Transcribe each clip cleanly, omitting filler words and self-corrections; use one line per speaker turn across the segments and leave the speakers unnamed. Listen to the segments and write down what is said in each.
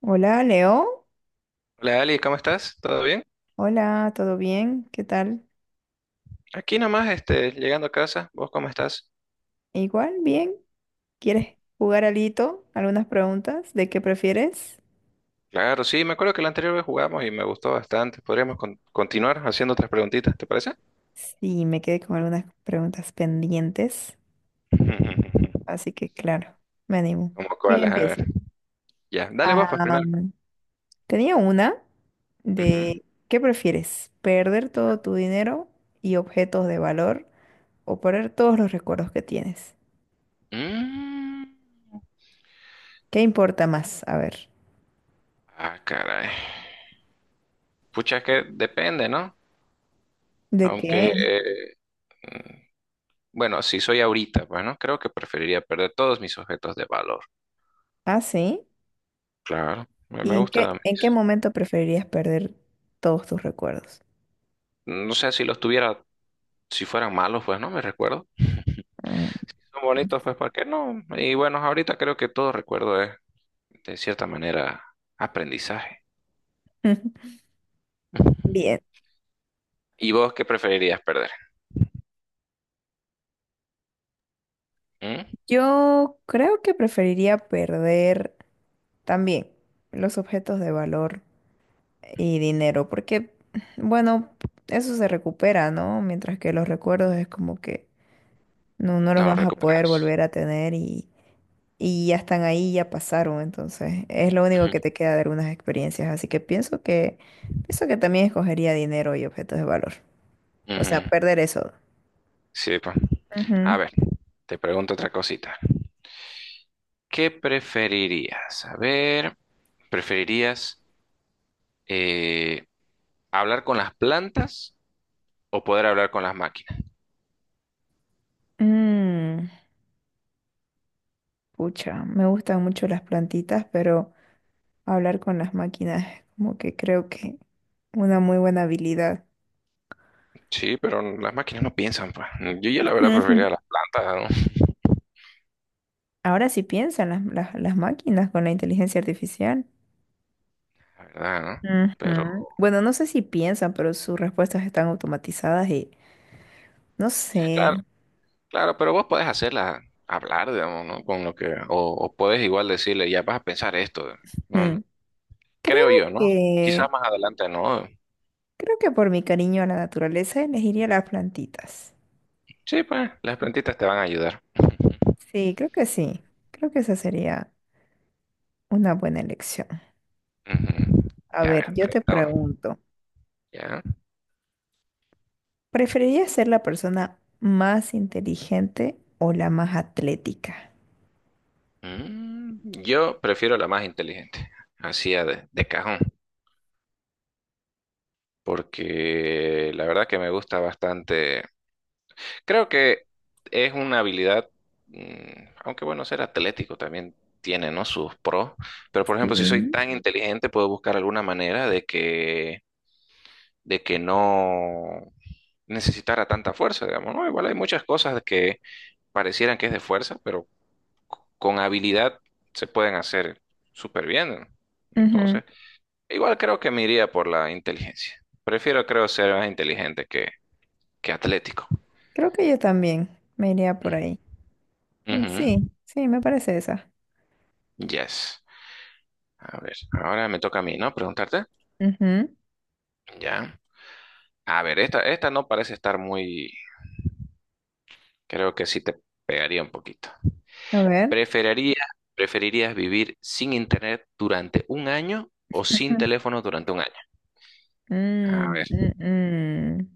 Hola, Leo.
Hola Ali, ¿cómo estás? ¿Todo bien?
Hola, ¿todo bien? ¿Qué tal?
Aquí nomás, este, llegando a casa, ¿vos cómo estás?
Igual, bien. ¿Quieres jugar alito? ¿Algunas preguntas? ¿De qué prefieres?
Claro, sí, me acuerdo que la anterior vez jugamos y me gustó bastante. Podríamos continuar haciendo otras preguntitas, ¿te parece?
Sí, me quedé con algunas preguntas pendientes, así que claro, me animo.
¿Cómo
¿Quién
cuáles? A ver.
empieza?
Ya, dale vos pues primero.
Am, tenía una
Ujú.
de ¿qué prefieres? ¿Perder todo tu dinero y objetos de valor o perder todos los recuerdos que tienes?
Mm.
¿Qué importa más? A ver,
Ah, caray. Pucha, es que depende, ¿no?
¿de qué?
Aunque, mm, bueno, si soy ahorita, bueno, creo que preferiría perder todos mis objetos de valor.
Ah, sí.
Claro, me
¿Y en
gusta.
qué
Mis-
momento preferirías perder todos tus recuerdos?
No sé si los tuviera si fueran malos, pues no me recuerdo.
Mm.
Si son bonitos, pues ¿por qué no? Y bueno, ahorita creo que todo recuerdo es, de cierta manera, aprendizaje. Ujú.
Bien,
¿Y vos qué preferirías perder? ¿Mm?
yo creo que preferiría perder también los objetos de valor y dinero, porque, bueno, eso se recupera, ¿no? Mientras que los recuerdos es como que no los
No lo
vas a poder
recuperas.
volver a tener y ya están ahí, ya pasaron, entonces es lo único que
Ujú.
te queda de algunas experiencias, así que pienso que también escogería dinero y objetos de valor. O sea,
Ujú.
perder eso.
Sí, pues. A
Ujú.
ver, te pregunto otra cosita. ¿Qué preferirías? A ver, ¿preferirías eh, hablar con las plantas o poder hablar con las máquinas?
Mm, pucha, me gustan mucho las plantitas, pero hablar con las máquinas es como que creo que una muy buena habilidad.
Sí, pero las máquinas no piensan, pues. Yo ya la verdad
Ujú.
preferiría las plantas,
Ahora sí piensan las máquinas con la inteligencia artificial.
la verdad, ¿no? Pero,
Ujú. Bueno, no sé si piensan, pero sus respuestas están automatizadas y no sé.
claro, claro, pero vos podés hacerla hablar, digamos, ¿no? Con lo que, o podés igual decirle, ya vas a pensar esto, ¿no?
Mm,
Creo
Creo
yo, ¿no? Quizás
que,
más adelante no.
Creo que por mi cariño a la naturaleza elegiría las plantitas.
Sí, pues, las plantitas te van a ayudar.
Sí. Creo que esa sería una buena elección.
Ujú, ujú.
A
Ya, a ver,
ver, yo te
pregunta vos.
pregunto,
Ya.
¿preferirías ser la persona más inteligente o la más atlética?
Mm, yo prefiero la más inteligente, así a de cajón, porque la verdad que me gusta bastante. Creo que es una habilidad, mm, aunque bueno, ser atlético también tiene, ¿no? Sus pros, pero por ejemplo, si soy
Sí.
tan inteligente, puedo buscar alguna manera de que no necesitara tanta fuerza, digamos, ¿no? Igual hay muchas cosas que parecieran que es de fuerza, pero con habilidad se pueden hacer súper bien, ¿no?
Ujú.
Entonces, igual creo que me iría por la inteligencia. Prefiero, creo, ser más inteligente que atlético.
Creo que yo también me iría por
Mm.
ahí. Mm,
Ujú.
Sí, sí, me parece esa.
Yes. A ver, ahora me toca a mí, ¿no? Preguntarte.
Ujú.
Ya. A ver, esta no parece estar muy... Creo que sí te pegaría un poquito.
A ver.
¿Preferiría, preferirías vivir sin internet durante un año o sin
Ujú.
teléfono durante un año? A
Mm,
ver.
mm, mm.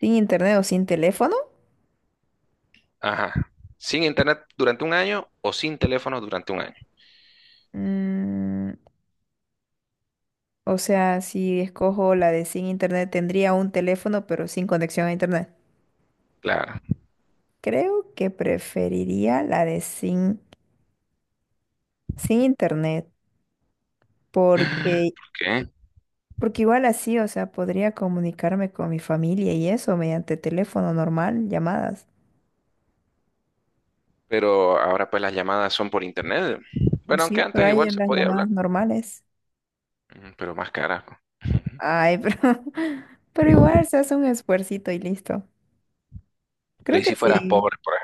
¿Sin internet o sin teléfono?
Ajá. ¿Sin internet durante un año o sin teléfono durante un año?
Mm, o sea, si escojo la de sin internet, tendría un teléfono, pero sin conexión a internet.
Claro.
Creo que preferiría la de sin internet,
¿Por
porque,
qué?
porque igual así, o sea, podría comunicarme con mi familia y eso mediante teléfono normal, llamadas.
Pero ahora pues las llamadas son por internet. Bueno, aunque
Sí, pero
antes
hay
igual
en
se
las
podía
llamadas
hablar,
normales.
pero más carajo.
Ay, pero igual se hace un esfuercito y listo.
Pero
Creo
¿y
que
si fueras
sí.
pobre, por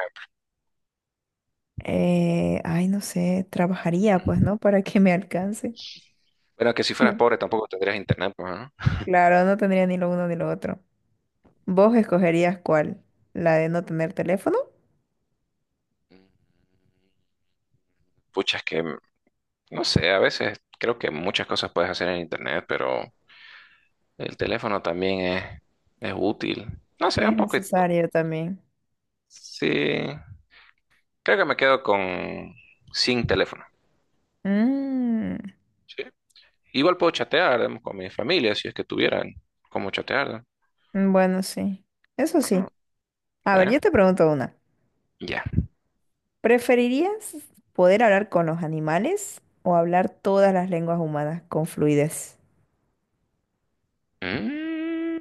Ay, no sé, trabajaría pues, ¿no? Para que me alcance.
Bueno, que si fueras pobre tampoco tendrías internet, pues, ¿no?
Claro, no tendría ni lo uno ni lo otro. ¿Vos escogerías cuál? ¿La de no tener teléfono?
Mm. Pucha, es que, no sé, a veces creo que muchas cosas puedes hacer en internet, pero el teléfono también es útil. No sé,
Es
un poco...
necesario también.
Sí, creo que me quedo con sin teléfono.
Mm.
Sí. Igual puedo chatear digamos, con mi familia si es que tuvieran cómo chatear, ¿no?
Bueno sí. Eso sí.
Ajá,
A ver,
¿ve?
yo te pregunto una.
Ya.
¿Preferirías poder hablar con los animales o hablar todas las lenguas humanas con fluidez?
Mm,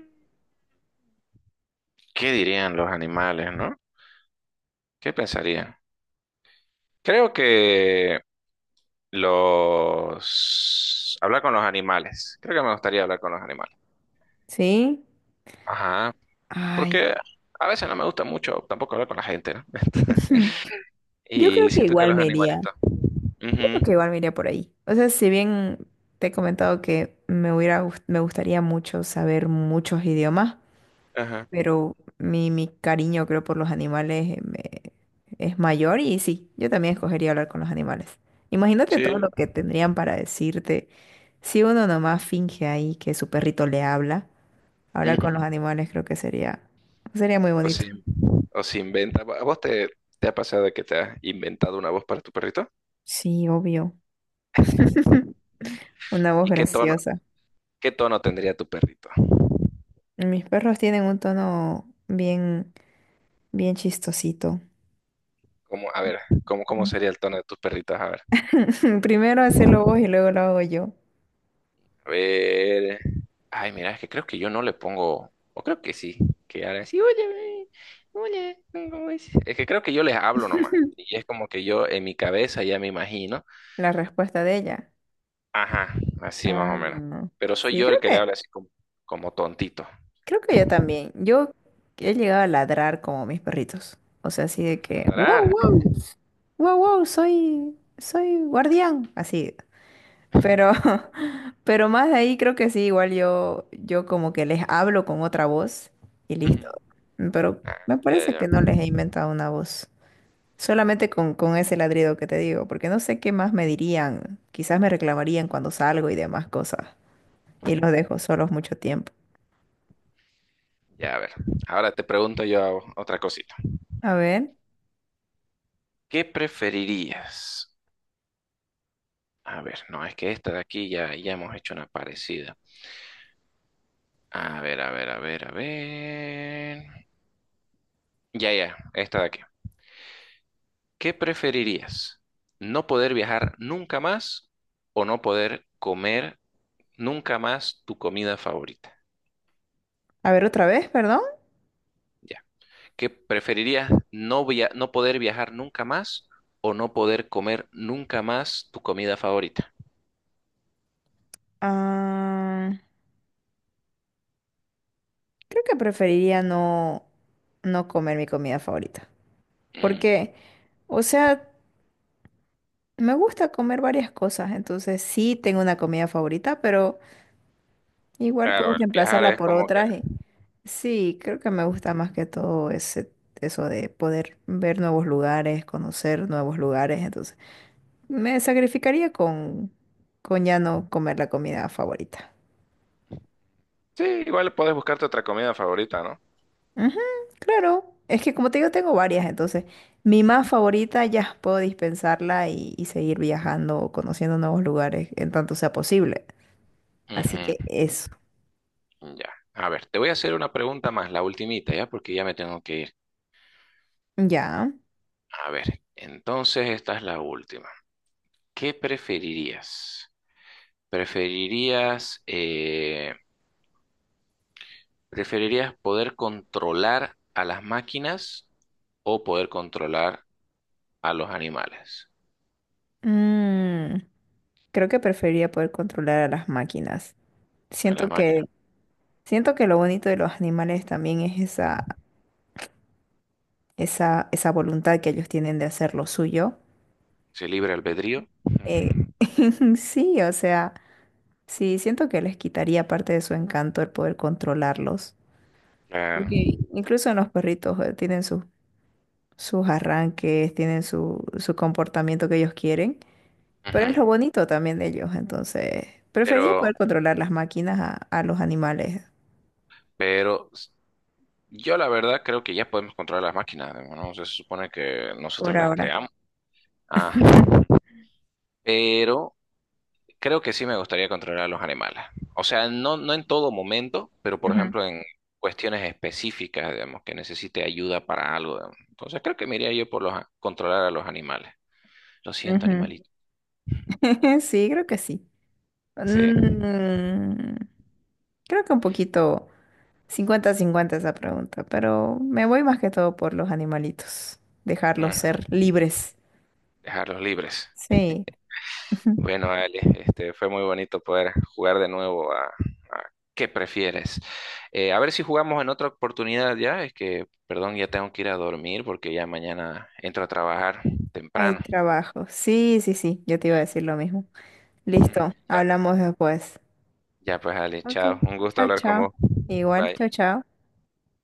¿qué dirían los animales, no? ¿Qué pensarían? Creo que los... Hablar con los animales. Creo que me gustaría hablar con los animales.
¿Sí?
Ajá,
Ay,
porque a veces no me gusta mucho tampoco hablar con la gente, ¿no?
Hmm. Yo creo
Y
que
siento que
igual
los
me iría.
animalitos...
Yo
Ujú,
creo que igual me iría por ahí. O sea, si bien te he comentado que me hubiera, me gustaría mucho saber muchos idiomas,
ajá,
pero mi cariño creo por los animales es mayor y sí, yo también escogería hablar con los animales. Imagínate todo
sí,
lo que tendrían para decirte. Si uno nomás finge ahí que su perrito le habla, hablar
ujú.
con los animales creo que sería muy
O
bonito.
si, o si inventa... ¿A vos te, te ha pasado que te has inventado una voz para tu perrito?
Sí, obvio. Una voz
¿Y
graciosa.
qué tono tendría tu perrito?
Mis perros tienen un tono bien, bien chistosito.
¿Cómo, a ver, cómo, cómo
Ujú.
sería el tono de tus perritos? A ver.
Primero hacerlo vos y luego lo hago yo.
A ver. Ay, mira, es que creo que yo no le pongo. O creo que sí. Que ahora sí, oye, oye, ¿cómo es? Es que creo que yo les hablo nomás. Y es como que yo en mi cabeza ya me imagino.
La respuesta de ella.
Ajá, así más
Ah,
o menos.
no.
Pero soy
Sí,
yo el que le habla así como, como tontito.
creo que yo también. Yo he llegado a ladrar como mis perritos. O sea, así de que,
Tarará.
wow, wow, wow, wow, soy guardián, así. Pero, pero más de ahí creo que sí, igual yo como que les hablo con otra voz y
Ujú.
listo. Pero
Ah,
me parece
ya,
que no
ya.
les he inventado una voz. Solamente con ese ladrido que te digo, porque no sé qué más me dirían. Quizás me reclamarían cuando salgo y demás cosas. Y los dejo solos mucho tiempo.
Ya, a ver. Ahora te pregunto yo otra cosita.
A ver,
¿Qué preferirías? A ver, no, es que esta de aquí ya, ya hemos hecho una parecida. A ver, a ver, a ver, a ver. Ya, ya, esta de aquí. ¿Qué preferirías? ¿No poder viajar nunca más o no poder comer nunca más tu comida favorita?
a ver otra vez, perdón.
Ya. ¿Qué preferirías? ¿No no poder viajar nunca más o no poder comer nunca más tu comida favorita?
Ah, creo que preferiría no comer mi comida favorita.
Mm,
Porque, o sea, me gusta comer varias cosas, entonces sí tengo una comida favorita, pero igual puedo
Claro, el viajar
reemplazarla
es
por
como que...
otras. Sí, creo que me gusta más que todo eso de poder ver nuevos lugares, conocer nuevos lugares. Entonces, me sacrificaría con ya no comer la comida favorita.
Sí, igual puedes buscarte otra comida favorita, ¿no?
Ujú, claro. Es que como te digo, tengo varias, entonces mi más favorita ya puedo dispensarla y seguir viajando o conociendo nuevos lugares en tanto sea posible. Así que
Ujú.
eso.
Ya. A ver, te voy a hacer una pregunta más, la ultimita, ¿ya? Porque ya me tengo que ir.
Ya.
A ver, entonces esta es la última. ¿Qué preferirías? ¿Preferirías, eh, preferirías poder controlar a las máquinas o poder controlar a los animales?
Mm, creo que preferiría poder controlar a las máquinas.
A las
Siento
máquinas.
que, Siento que lo bonito de los animales también es esa voluntad que ellos tienen de hacer lo suyo.
¿Se libre albedrío? Ujú.
Eh, sí, o sea, sí, siento que les quitaría parte de su encanto el poder controlarlos.
Claro.
Porque incluso en los perritos tienen sus arranques, tienen su comportamiento que ellos quieren, pero es
Ujú.
lo bonito también de ellos. Entonces, preferiría poder
Pero,
controlar las máquinas a los animales
pero s- yo la verdad creo que ya podemos controlar las máquinas, ¿no? O sea, se supone que
por
nosotros las
ahora.
creamos. Ah. Pero creo que sí me gustaría controlar a los animales. O sea, no, no en todo momento, pero por
Ujú,
ejemplo en cuestiones específicas, digamos, que necesite ayuda para algo, digamos. Entonces creo que me iría yo por los, controlar a los animales. Lo
ujú,
siento,
ujú.
animalito.
Sí, creo que sí.
Sí.
Mm, creo que un poquito cincuenta cincuenta esa pregunta, pero me voy más que todo por los animalitos, dejarlos
Mm,
ser libres.
Dejarlos libres.
Sí.
Bueno, Ale, este, fue muy bonito poder jugar de nuevo a ¿qué prefieres? A ver si jugamos en otra oportunidad ya. Es que, perdón, ya tengo que ir a dormir porque ya mañana entro a trabajar
Hay
temprano.
trabajo. Sí, sí, sí, yo te iba a
Eh,
decir lo mismo. Listo,
ya.
hablamos después.
Ya pues, Ale,
Ok,
chao. Un gusto
chao,
hablar con
chao.
vos.
Igual,
Bye.
chao, chao.